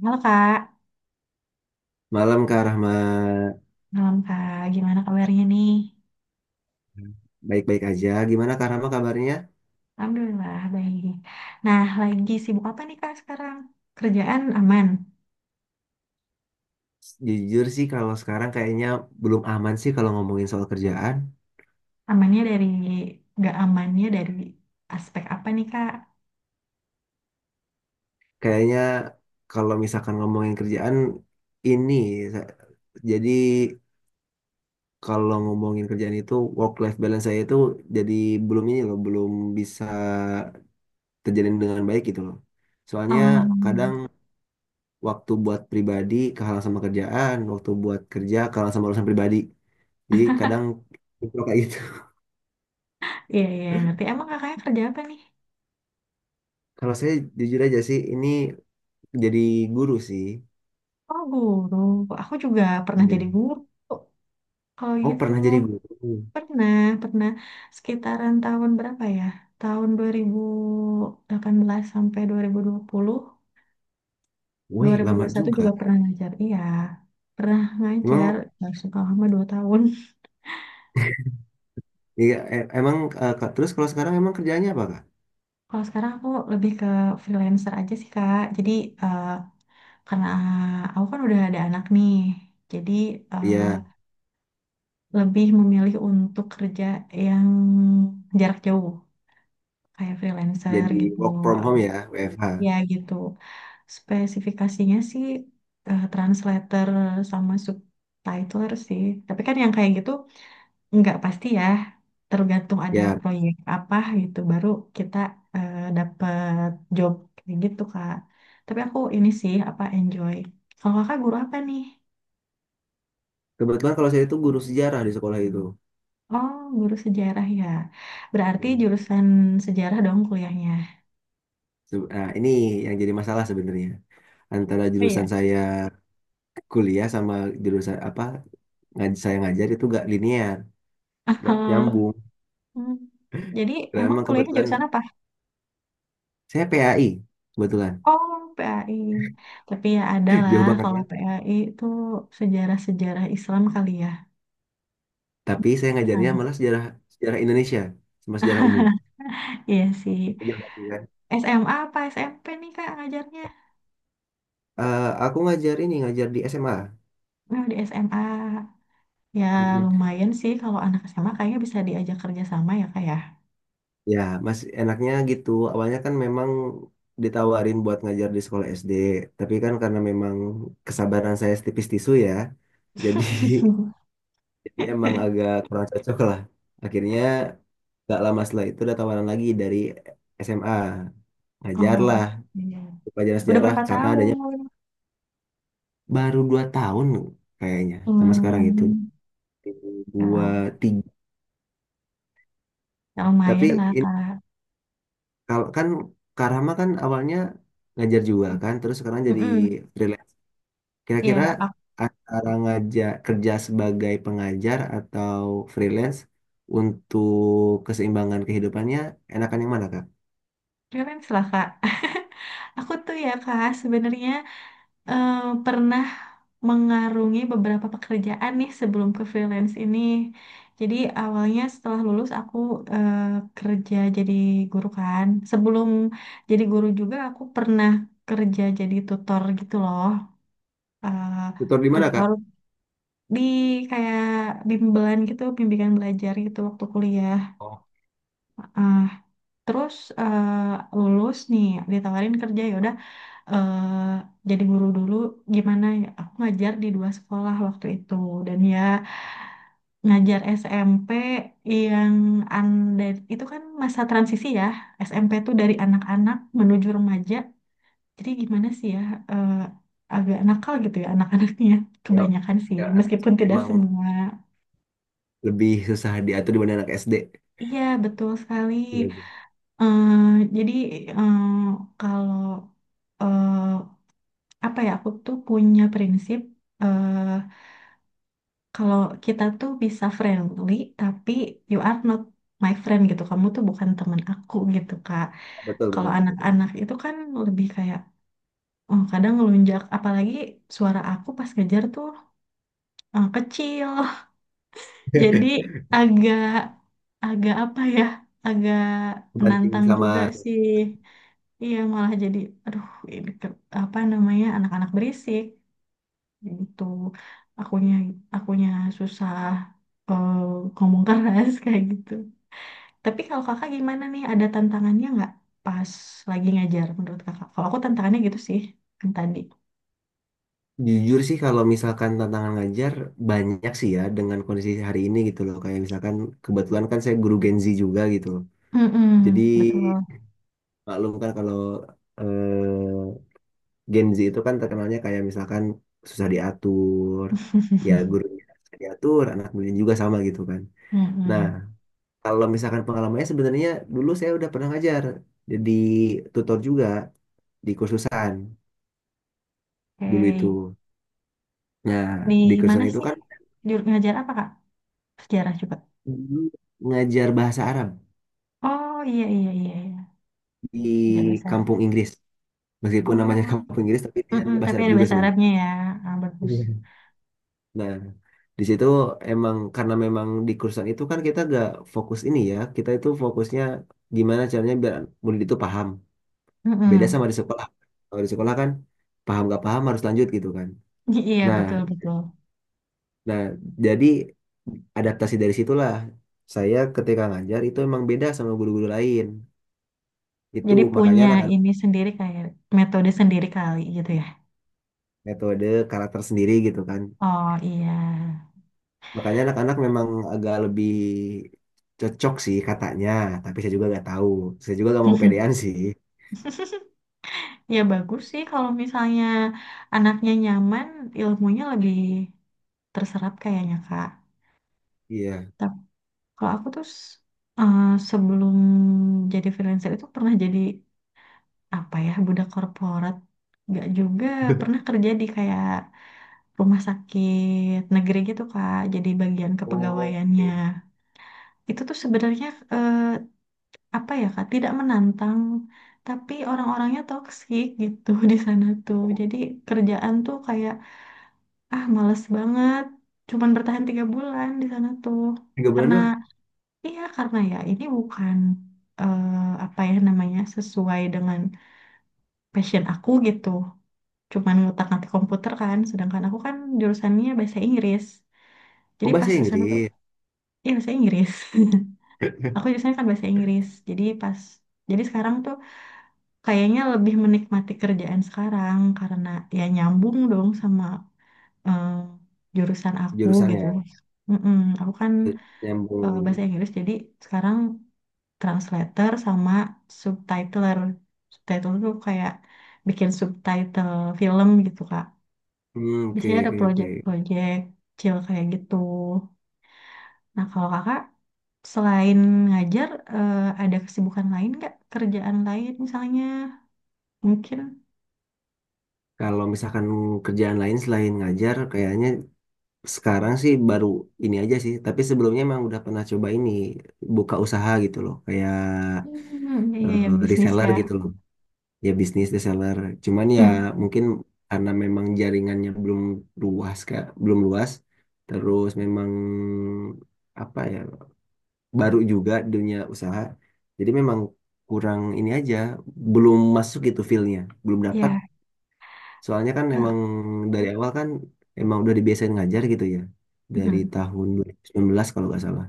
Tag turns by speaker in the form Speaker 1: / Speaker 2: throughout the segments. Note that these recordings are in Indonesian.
Speaker 1: Halo Kak,
Speaker 2: Malam Kak Rahma,
Speaker 1: malam Kak. Gimana kabarnya nih?
Speaker 2: baik-baik aja. Gimana Kak Rahma kabarnya?
Speaker 1: Alhamdulillah baik. Nah, lagi sibuk apa nih Kak sekarang? Kerjaan aman.
Speaker 2: Jujur sih kalau sekarang kayaknya belum aman sih kalau ngomongin soal kerjaan.
Speaker 1: Amannya dari nggak amannya dari aspek apa nih Kak?
Speaker 2: Kayaknya kalau misalkan ngomongin kerjaan ini, sa- jadi kalau ngomongin kerjaan itu work life balance saya itu jadi belum ini loh, belum bisa terjalin dengan baik gitu loh. Soalnya kadang
Speaker 1: Um,
Speaker 2: waktu buat pribadi kalah sama kerjaan, waktu buat kerja kalah sama urusan pribadi. Jadi kadang kayak gitu.
Speaker 1: iya, iya, ngerti. Emang kakaknya kerja apa nih?
Speaker 2: Kalau saya jujur aja sih, ini jadi guru sih.
Speaker 1: Oh, guru. Aku juga pernah jadi
Speaker 2: Iya.
Speaker 1: guru. Kalau
Speaker 2: Oh,
Speaker 1: gitu
Speaker 2: pernah jadi guru.
Speaker 1: pernah pernah sekitaran tahun berapa ya? Tahun 2018 sampai 2020
Speaker 2: Wih, lama
Speaker 1: 2021
Speaker 2: juga.
Speaker 1: juga pernah ngajar, iya. Pernah ngajar,
Speaker 2: Emang,
Speaker 1: langsung kalau lama 2 tahun.
Speaker 2: iya, emang, Kak, terus kalau sekarang emang kerjanya apa, Kak?
Speaker 1: Kalau sekarang aku lebih ke freelancer aja sih, Kak. Jadi, eh, karena aku kan udah ada anak nih. Jadi, eh,
Speaker 2: Iya,
Speaker 1: lebih memilih untuk kerja yang jarak jauh. Kayak freelancer
Speaker 2: jadi
Speaker 1: gitu.
Speaker 2: work from home ya, WFH.
Speaker 1: Ya gitu. Spesifikasinya sih translator sama subtitler sih. Tapi kan yang kayak gitu nggak pasti ya, tergantung ada
Speaker 2: Ya,
Speaker 1: proyek apa gitu, baru kita dapet job kayak gitu Kak. Tapi aku ini sih apa enjoy. Kalau Kakak guru apa nih?
Speaker 2: kebetulan kalau saya itu guru sejarah di sekolah itu.
Speaker 1: Oh, guru sejarah ya. Berarti
Speaker 2: Iya.
Speaker 1: jurusan sejarah dong kuliahnya.
Speaker 2: Nah, ini yang jadi masalah sebenarnya. Antara
Speaker 1: Oh, iya.
Speaker 2: jurusan saya kuliah sama jurusan apa saya ngajar itu gak linear, gak nyambung.
Speaker 1: Hmm. Jadi
Speaker 2: Dan
Speaker 1: emang
Speaker 2: emang
Speaker 1: kuliahnya
Speaker 2: kebetulan
Speaker 1: jurusan apa?
Speaker 2: saya PAI, kebetulan.
Speaker 1: Oh, PAI. Tapi ya ada lah
Speaker 2: Jauh
Speaker 1: kalau
Speaker 2: banget.
Speaker 1: PAI itu sejarah-sejarah Islam kali ya.
Speaker 2: Tapi saya
Speaker 1: Mungkin ke
Speaker 2: ngajarnya
Speaker 1: sana.
Speaker 2: malah sejarah sejarah Indonesia sama sejarah umum.
Speaker 1: Iya sih.
Speaker 2: Iya, iya.
Speaker 1: SMA apa SMP nih Kak ngajarnya?
Speaker 2: Eh, aku ngajar di SMA.
Speaker 1: Nah, di SMA. Ya
Speaker 2: Mm-mm.
Speaker 1: lumayan sih kalau anak SMA kayaknya bisa diajak kerja sama ya Kak ya.
Speaker 2: Ya, mas enaknya gitu. Awalnya kan memang ditawarin buat ngajar di sekolah SD, tapi kan karena memang kesabaran saya setipis tisu ya, jadi jadi emang agak kurang cocok lah. Akhirnya gak lama setelah itu ada tawaran lagi dari SMA, ngajar
Speaker 1: Oh,
Speaker 2: lah
Speaker 1: iya.
Speaker 2: pelajaran
Speaker 1: Udah
Speaker 2: sejarah
Speaker 1: berapa
Speaker 2: karena adanya
Speaker 1: tahun?
Speaker 2: baru 2 tahun kayaknya sama sekarang itu.
Speaker 1: Hmm, ya,
Speaker 2: Dua, tiga.
Speaker 1: ya
Speaker 2: Tapi
Speaker 1: lumayan lah
Speaker 2: ini,
Speaker 1: Kak.
Speaker 2: kalau kan Karama kan awalnya ngajar juga
Speaker 1: Ya.
Speaker 2: kan, terus sekarang jadi
Speaker 1: Mm-mm.
Speaker 2: freelance,
Speaker 1: Ya,
Speaker 2: kira-kira
Speaker 1: aku
Speaker 2: antara ngajar, kerja sebagai pengajar atau freelance, untuk keseimbangan kehidupannya enakan yang mana kak?
Speaker 1: freelance lah Kak. Aku tuh ya Kak sebenarnya eh, pernah mengarungi beberapa pekerjaan nih sebelum ke freelance ini. Jadi awalnya setelah lulus aku eh, kerja jadi guru kan. Sebelum jadi guru juga aku pernah kerja jadi tutor gitu loh. Eh,
Speaker 2: Tutor di mana kak?
Speaker 1: Tutor di kayak bimbingan gitu, bimbingan belajar gitu waktu kuliah.
Speaker 2: Oh,
Speaker 1: Ah, terus lulus nih ditawarin kerja ya eh jadi guru dulu. Gimana ya, aku ngajar di dua sekolah waktu itu dan ya ngajar SMP yang an, dan itu kan masa transisi ya. SMP tuh dari anak-anak menuju remaja, jadi gimana sih ya, eh, agak nakal gitu ya anak-anaknya
Speaker 2: ya,
Speaker 1: kebanyakan sih
Speaker 2: ya, anak
Speaker 1: meskipun
Speaker 2: SMP
Speaker 1: tidak
Speaker 2: emang
Speaker 1: semua,
Speaker 2: lebih susah diatur dibanding anak SD.
Speaker 1: iya betul sekali.
Speaker 2: Iya, iya.
Speaker 1: Eh, jadi, eh, kalau eh, apa ya, aku tuh punya prinsip, eh, kalau kita tuh bisa friendly, tapi you are not my friend gitu. Kamu tuh bukan teman aku gitu, Kak.
Speaker 2: Betul
Speaker 1: Kalau
Speaker 2: betul betul, betul.
Speaker 1: anak-anak itu kan lebih kayak oh, kadang ngelunjak, apalagi suara aku pas ngejar tuh kecil. Jadi agak, agak apa ya? Agak
Speaker 2: Kebanting
Speaker 1: menantang
Speaker 2: sama...
Speaker 1: juga sih. Iya malah jadi aduh, ini apa namanya, anak-anak berisik. Ya itu akunya akunya susah eh, ngomong keras kayak gitu. Tapi kalau kakak gimana nih? Ada tantangannya nggak pas lagi ngajar menurut kakak? Kalau aku tantangannya gitu sih yang tadi.
Speaker 2: Jujur sih kalau misalkan tantangan ngajar banyak sih ya dengan kondisi hari ini gitu loh. Kayak misalkan kebetulan kan saya guru Gen Z juga gitu loh. Jadi
Speaker 1: Mm-mm, betul.
Speaker 2: maklum kan kalau eh, Gen Z itu kan terkenalnya kayak misalkan susah diatur. Ya gurunya susah diatur, anak muridnya juga sama gitu kan. Nah
Speaker 1: Mm-mm.
Speaker 2: kalau misalkan pengalamannya sebenarnya dulu saya udah pernah ngajar. Jadi tutor juga di kursusan dulu itu.
Speaker 1: Oke.
Speaker 2: Nah
Speaker 1: Di
Speaker 2: di
Speaker 1: mana
Speaker 2: kursusan itu
Speaker 1: sih?
Speaker 2: kan
Speaker 1: Di ngajar apa kak? Sejarah juga.
Speaker 2: dulu ngajar bahasa Arab.
Speaker 1: Oh, iya, iya, iya, iya.
Speaker 2: Di
Speaker 1: Ngajar bahasa
Speaker 2: kampung
Speaker 1: Arab.
Speaker 2: Inggris. Meskipun namanya
Speaker 1: Oh.
Speaker 2: kampung Inggris, tapi di sana
Speaker 1: Mm-mm,
Speaker 2: ada bahasa
Speaker 1: tapi
Speaker 2: Arab
Speaker 1: ada
Speaker 2: juga
Speaker 1: bahasa
Speaker 2: sebenarnya.
Speaker 1: Arabnya ya. Ah, bagus.
Speaker 2: Iya. Nah, di situ emang karena memang di kursusan itu kan kita gak fokus ini ya, kita itu fokusnya gimana caranya biar murid itu paham. Beda sama
Speaker 1: Mm-mm.
Speaker 2: di sekolah. Kalau di sekolah kan paham gak paham harus lanjut gitu kan.
Speaker 1: Iya,
Speaker 2: Nah,
Speaker 1: betul, betul.
Speaker 2: nah, jadi adaptasi dari situlah saya ketika ngajar itu emang beda sama guru-guru lain. Itu
Speaker 1: Jadi
Speaker 2: makanya
Speaker 1: punya
Speaker 2: anak-anak
Speaker 1: ini sendiri, kayak metode sendiri kali gitu ya.
Speaker 2: metode karakter sendiri gitu kan.
Speaker 1: Oh, iya.
Speaker 2: Makanya anak-anak memang agak lebih cocok sih katanya, tapi saya juga nggak tahu. Saya juga nggak mau kepedean sih.
Speaker 1: Ya bagus sih kalau misalnya anaknya nyaman, ilmunya lebih terserap kayaknya Kak.
Speaker 2: Iya.
Speaker 1: Tapi kalau aku tuh eh, sebelum jadi freelancer itu pernah jadi apa ya, budak korporat, nggak juga, pernah kerja di kayak rumah sakit negeri gitu Kak. Jadi bagian
Speaker 2: Oh,
Speaker 1: kepegawaiannya
Speaker 2: oke.
Speaker 1: itu tuh sebenarnya eh, apa ya Kak, tidak menantang, tapi orang-orangnya toksik gitu di sana tuh. Jadi kerjaan tuh kayak ah males banget, cuman bertahan 3 bulan di sana tuh.
Speaker 2: 3 bulan
Speaker 1: Karena
Speaker 2: doang.
Speaker 1: iya, karena ya ini bukan eh, apa ya namanya, sesuai dengan passion aku gitu. Cuman ngutak-ngatik komputer kan, sedangkan aku kan jurusannya bahasa Inggris.
Speaker 2: Oh,
Speaker 1: Jadi pas
Speaker 2: bahasa
Speaker 1: ke sana tuh,
Speaker 2: Inggris
Speaker 1: iya bahasa Inggris. Aku jurusannya kan bahasa Inggris. Jadi pas, jadi sekarang tuh kayaknya lebih menikmati kerjaan sekarang karena ya nyambung dong sama eh, jurusan aku gitu.
Speaker 2: jurusannya.
Speaker 1: Mm-mm, aku kan bahasa
Speaker 2: Nyambung.
Speaker 1: Inggris jadi sekarang translator sama subtitler. Subtitler tuh kayak bikin subtitle film gitu Kak.
Speaker 2: Hmm, oke,
Speaker 1: Biasanya ada
Speaker 2: oke, oke.
Speaker 1: project-project kecil kayak gitu. Nah kalau kakak selain ngajar ada kesibukan lain nggak? Kerjaan lain misalnya mungkin?
Speaker 2: Kalau misalkan kerjaan lain selain ngajar, kayaknya sekarang sih baru ini aja sih. Tapi sebelumnya emang udah pernah coba ini, buka usaha gitu loh. Kayak
Speaker 1: Hmm, iya, iya, bisnis
Speaker 2: reseller
Speaker 1: ya.
Speaker 2: gitu loh. Ya bisnis reseller, cuman ya
Speaker 1: Hmm,
Speaker 2: mungkin karena memang jaringannya belum luas kak, belum luas, terus memang apa ya, baru juga dunia usaha, jadi memang kurang ini aja, belum masuk gitu feel-nya, belum dapat.
Speaker 1: iya,
Speaker 2: Soalnya kan emang
Speaker 1: Kak.
Speaker 2: dari awal kan emang udah dibiasain ngajar gitu ya, dari
Speaker 1: Hmm,
Speaker 2: tahun 2019 kalau nggak salah,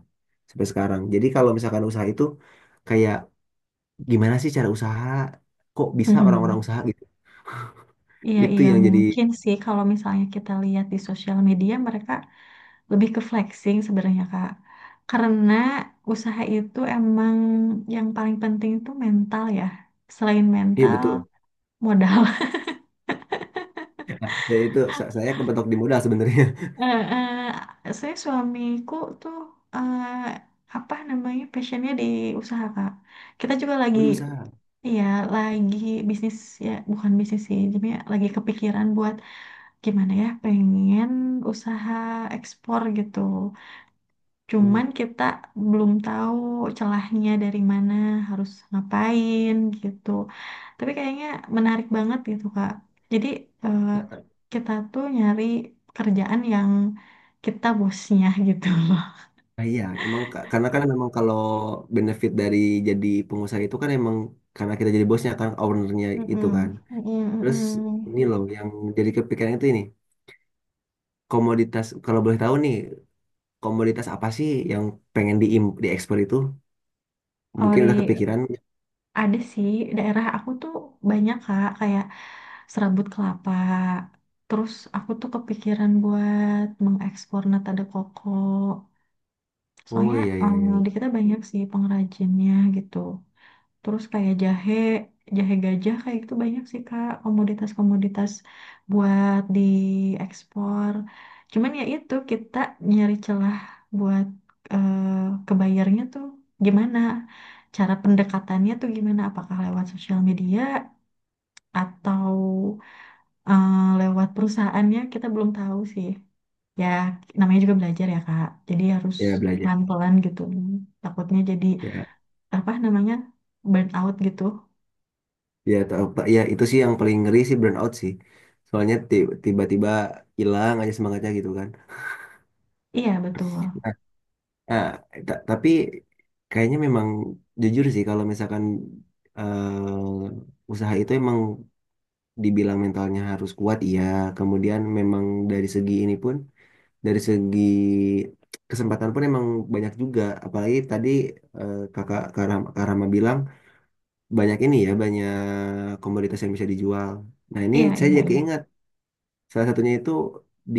Speaker 2: sampai sekarang. Jadi kalau misalkan usaha itu kayak, gimana sih cara usaha, kok bisa
Speaker 1: hmm.
Speaker 2: orang-orang usaha gitu.
Speaker 1: Iya,
Speaker 2: Itu
Speaker 1: iya,
Speaker 2: yang jadi...
Speaker 1: mungkin sih kalau misalnya kita lihat di sosial media mereka lebih ke flexing sebenarnya, Kak. Karena usaha itu emang yang paling penting itu mental ya. Selain
Speaker 2: iya,
Speaker 1: mental,
Speaker 2: betul.
Speaker 1: modal.
Speaker 2: Ya itu saya kepetok di modal sebenarnya.
Speaker 1: Eh, eh, saya, suamiku tuh eh, apa namanya passionnya di usaha Kak. Kita juga
Speaker 2: Oh
Speaker 1: lagi
Speaker 2: di usaha.
Speaker 1: iya, lagi bisnis ya, bukan bisnis sih. Jadi ya lagi kepikiran buat gimana ya, pengen usaha ekspor gitu.
Speaker 2: Oh,
Speaker 1: Cuman kita belum tahu celahnya dari mana, harus ngapain gitu. Tapi kayaknya menarik banget gitu, Kak. Jadi eh,
Speaker 2: ternyata.
Speaker 1: kita tuh nyari pekerjaan yang kita bosnya gitu loh.
Speaker 2: Nah, iya, emang karena kan memang kalau benefit dari jadi pengusaha itu kan emang karena kita jadi bosnya kan, ownernya itu
Speaker 1: Mm-mm,
Speaker 2: kan.
Speaker 1: mm-mm,
Speaker 2: Terus ini
Speaker 1: mm-mm.
Speaker 2: loh yang jadi kepikiran itu, ini komoditas, kalau boleh tahu nih, komoditas apa sih yang pengen diekspor itu?
Speaker 1: Kalau
Speaker 2: Mungkin
Speaker 1: di
Speaker 2: udah kepikiran.
Speaker 1: ada sih daerah aku tuh banyak Kak kayak serabut kelapa. Terus aku tuh kepikiran buat mengekspor nata de coco.
Speaker 2: Oh
Speaker 1: Soalnya
Speaker 2: iya, iya, iya.
Speaker 1: di kita banyak sih pengrajinnya gitu. Terus kayak jahe, jahe gajah kayak gitu banyak sih Kak komoditas-komoditas buat diekspor. Cuman ya itu kita nyari celah buat eh, ke bayarnya tuh gimana? Cara pendekatannya tuh gimana? Apakah lewat sosial media atau lewat perusahaannya, kita belum tahu sih. Ya, namanya juga belajar ya, Kak. Jadi harus
Speaker 2: Ya belajar.
Speaker 1: pelan-pelan gitu. Takutnya jadi
Speaker 2: Ya.
Speaker 1: apa namanya? Burn out gitu.
Speaker 2: Ya, tau, Pak. Ya itu sih yang paling ngeri sih burnout sih. Soalnya tiba-tiba hilang aja semangatnya gitu kan.
Speaker 1: Iya, betul.
Speaker 2: Nah, nah, tapi kayaknya memang jujur sih kalau misalkan usaha itu emang dibilang mentalnya harus kuat, iya. Kemudian memang dari segi ini pun, dari segi kesempatan pun emang banyak juga. Apalagi tadi kakak Karama, bilang banyak ini ya, banyak komoditas yang bisa dijual. Nah ini
Speaker 1: Iya,
Speaker 2: saya
Speaker 1: iya,
Speaker 2: jadi
Speaker 1: iya.
Speaker 2: keingat. Salah satunya itu di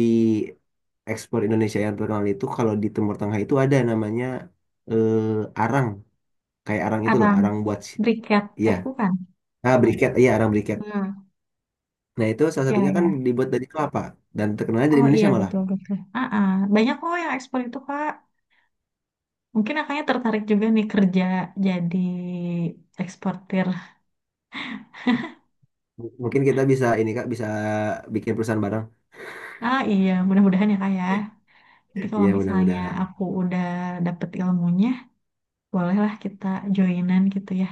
Speaker 2: ekspor Indonesia yang terkenal itu kalau di Timur Tengah itu ada namanya arang, kayak arang itu loh,
Speaker 1: Arang
Speaker 2: arang buat
Speaker 1: briket.
Speaker 2: iya,
Speaker 1: Eh, bukan.
Speaker 2: ah briket, iya arang briket.
Speaker 1: Hmm,
Speaker 2: Nah, itu salah
Speaker 1: iya,
Speaker 2: satunya kan
Speaker 1: iya.
Speaker 2: dibuat dari kelapa dan terkenalnya dari
Speaker 1: Oh, iya,
Speaker 2: Indonesia malah.
Speaker 1: betul, betul. Ah, ah. Banyak kok yang ekspor itu, Kak. Mungkin akhirnya tertarik juga nih kerja jadi eksportir.
Speaker 2: Mungkin kita bisa ini Kak, bisa bikin perusahaan bareng.
Speaker 1: Ah, iya, mudah-mudahan ya, Kak ya. Nanti kalau
Speaker 2: Iya,
Speaker 1: misalnya
Speaker 2: mudah-mudahan.
Speaker 1: aku udah dapet ilmunya, bolehlah kita joinan gitu ya.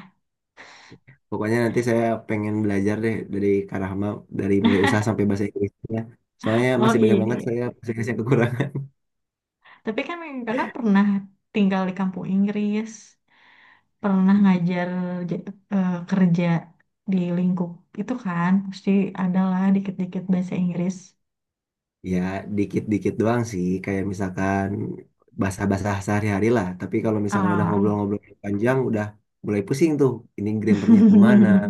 Speaker 2: Pokoknya nanti saya pengen belajar deh dari Kak Rahma, dari mulai
Speaker 1: Nah,
Speaker 2: usaha sampai bahasa Inggrisnya. Soalnya
Speaker 1: oh,
Speaker 2: masih
Speaker 1: iya,
Speaker 2: banyak
Speaker 1: iya,
Speaker 2: banget saya
Speaker 1: iya.
Speaker 2: bahasa Inggris yang kekurangan.
Speaker 1: Tapi kan kakak pernah tinggal di kampung Inggris, pernah ngajar j- kerja di lingkup itu kan, pasti adalah dikit-dikit bahasa Inggris.
Speaker 2: Ya, dikit-dikit doang sih, kayak misalkan basah-basah sehari-hari lah. Tapi kalau misalkan udah
Speaker 1: Ah,
Speaker 2: ngobrol-ngobrol panjang, udah mulai pusing tuh. Ini grammarnya kemana,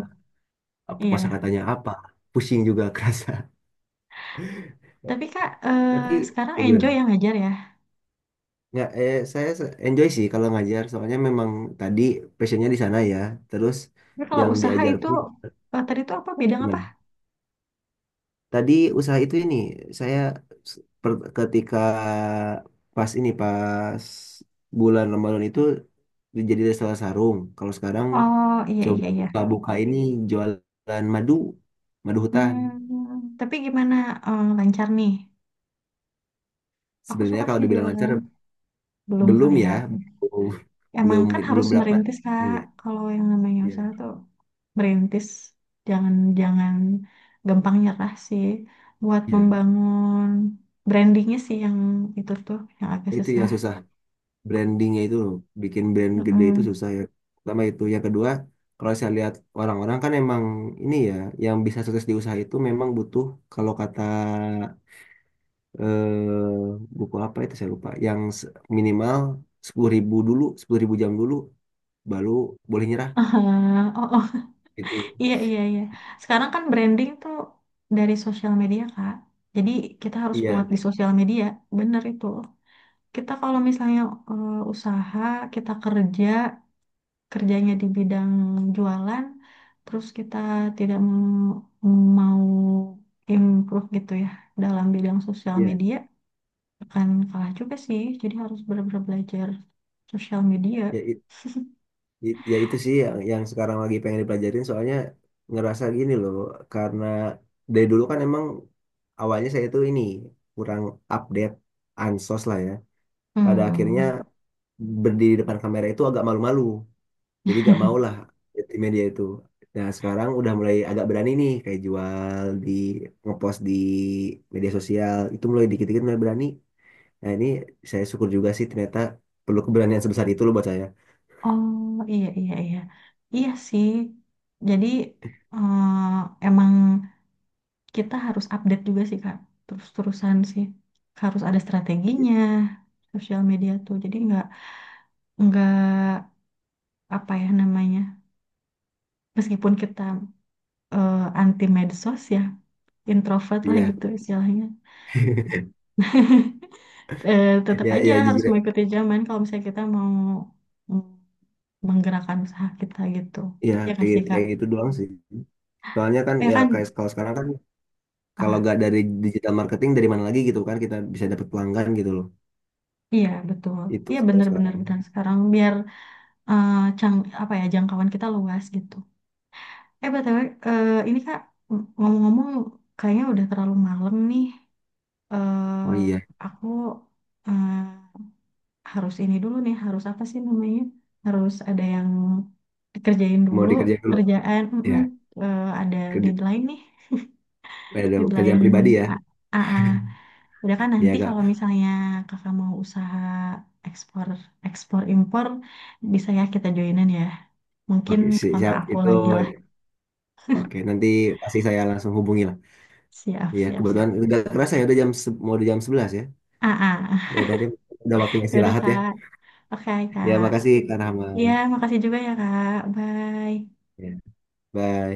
Speaker 2: apa
Speaker 1: iya.
Speaker 2: kosakatanya apa, pusing juga kerasa.
Speaker 1: Tapi kak,
Speaker 2: Tapi
Speaker 1: sekarang
Speaker 2: ya gimana?
Speaker 1: enjoy yang ngajar ya.
Speaker 2: Nggak saya enjoy sih kalau ngajar, soalnya memang tadi passionnya di sana ya. Terus
Speaker 1: Tapi kalau
Speaker 2: yang
Speaker 1: usaha
Speaker 2: diajar
Speaker 1: itu,
Speaker 2: pun
Speaker 1: tadi itu apa, bidang apa?
Speaker 2: gimana? Tadi usaha itu ini saya ketika pas ini, pas bulan Ramadan itu, jadi restoran sarung. Kalau sekarang
Speaker 1: Oh, iya,
Speaker 2: coba
Speaker 1: iya, iya.
Speaker 2: buka-buka ini, jualan madu, madu hutan.
Speaker 1: Hmm, tapi gimana lancar nih? Aku
Speaker 2: Sebenarnya
Speaker 1: suka
Speaker 2: kalau
Speaker 1: sih
Speaker 2: dibilang lancar
Speaker 1: jualan. Belum
Speaker 2: belum
Speaker 1: kali
Speaker 2: ya,
Speaker 1: ya.
Speaker 2: belum
Speaker 1: Emang
Speaker 2: belum,
Speaker 1: kan harus
Speaker 2: belum dapat.
Speaker 1: merintis Kak.
Speaker 2: Iya,
Speaker 1: Kalau yang namanya usaha
Speaker 2: iya,
Speaker 1: tuh merintis, jangan jangan gampang nyerah sih. Buat
Speaker 2: iya.
Speaker 1: membangun brandingnya sih yang itu tuh yang agak
Speaker 2: Itu
Speaker 1: susah.
Speaker 2: yang susah. Brandingnya itu loh, bikin brand gede itu
Speaker 1: Mm-mm.
Speaker 2: susah ya, pertama. Itu yang kedua, kalau saya lihat orang-orang kan emang ini ya, yang bisa sukses di usaha itu memang butuh, kalau kata buku apa itu saya lupa yang minimal 10.000 jam dulu baru boleh nyerah
Speaker 1: Ah, oh, oh,
Speaker 2: itu.
Speaker 1: iya, iya, iya. Sekarang kan branding tuh dari sosial media Kak. Jadi kita harus kuat
Speaker 2: Iya,
Speaker 1: di sosial media. Bener itu. Kita kalau misalnya usaha, kita kerja, kerjanya di bidang jualan, terus kita tidak mau improve gitu ya dalam bidang sosial
Speaker 2: iya,
Speaker 1: media, akan kalah juga sih. Jadi harus benar-benar belajar sosial media.
Speaker 2: ya. Ya itu sih yang, sekarang lagi pengen dipelajarin, soalnya ngerasa gini loh, karena dari dulu kan emang awalnya saya itu ini kurang update, ansos lah ya. Pada akhirnya
Speaker 1: Hmm.
Speaker 2: berdiri depan kamera itu agak malu-malu. Jadi gak mau lah di media itu. Nah sekarang udah mulai agak berani nih, kayak jual di, ngepost di media sosial itu mulai dikit-dikit mulai berani. Nah ini saya syukur juga sih, ternyata perlu keberanian sebesar itu loh buat saya.
Speaker 1: Oh, iya, iya, iya. Iya sih. Jadi emang kita harus update juga sih Kak. Terus-terusan sih. Harus ada strateginya sosial media tuh. Jadi nggak apa ya namanya? Meskipun kita anti medsos ya, introvert lah
Speaker 2: Iya.
Speaker 1: gitu istilahnya, tetap
Speaker 2: Ya,
Speaker 1: aja
Speaker 2: ya,
Speaker 1: harus
Speaker 2: jujur.
Speaker 1: mengikuti zaman kalau misalnya kita mau mm, menggerakkan usaha kita gitu,
Speaker 2: Ya
Speaker 1: ya nggak sih kak?
Speaker 2: kayak gitu doang sih. Soalnya kan
Speaker 1: Ya
Speaker 2: ya
Speaker 1: kan?
Speaker 2: kayak kalau sekarang kan, kalau
Speaker 1: Ah,
Speaker 2: nggak dari digital marketing dari mana lagi gitu kan kita bisa dapat pelanggan gitu loh.
Speaker 1: iya betul,
Speaker 2: Itu
Speaker 1: iya,
Speaker 2: sih kalau
Speaker 1: benar-benar
Speaker 2: sekarang.
Speaker 1: benar, sekarang biar eh, cang apa ya, jangkauan kita luas gitu. Btw, ini kak, ngomong-ngomong kayaknya udah terlalu malam nih.
Speaker 2: Oh
Speaker 1: eh
Speaker 2: iya,
Speaker 1: aku eh, harus ini dulu nih, harus apa sih namanya? Harus ada yang dikerjain
Speaker 2: mau
Speaker 1: dulu,
Speaker 2: dikerjain dulu.
Speaker 1: kerjaan,
Speaker 2: Ya,
Speaker 1: mm-mm, ada
Speaker 2: kerja,
Speaker 1: deadline nih,
Speaker 2: pada kerjaan
Speaker 1: deadline.
Speaker 2: pribadi ya.
Speaker 1: A- AA. Udah kan nanti
Speaker 2: Ya
Speaker 1: kalau
Speaker 2: kak.
Speaker 1: misalnya kakak mau usaha ekspor, ekspor impor, bisa ya kita joinan ya. Mungkin
Speaker 2: Oke,
Speaker 1: kontak
Speaker 2: siap
Speaker 1: aku
Speaker 2: itu.
Speaker 1: lagi lah.
Speaker 2: Oke, nanti pasti saya langsung hubungi lah.
Speaker 1: Siap,
Speaker 2: Iya,
Speaker 1: siap,
Speaker 2: kebetulan
Speaker 1: siap.
Speaker 2: udah kerasa ya, udah jam mau di jam 11 ya.
Speaker 1: AA.
Speaker 2: Ya udah deh, udah waktunya
Speaker 1: Yaudah,
Speaker 2: istirahat ya.
Speaker 1: Kak. Oke,
Speaker 2: Ya,
Speaker 1: Kak.
Speaker 2: makasih Kak Rahma.
Speaker 1: Iya, makasih juga ya, Kak. Bye.
Speaker 2: Ya, bye.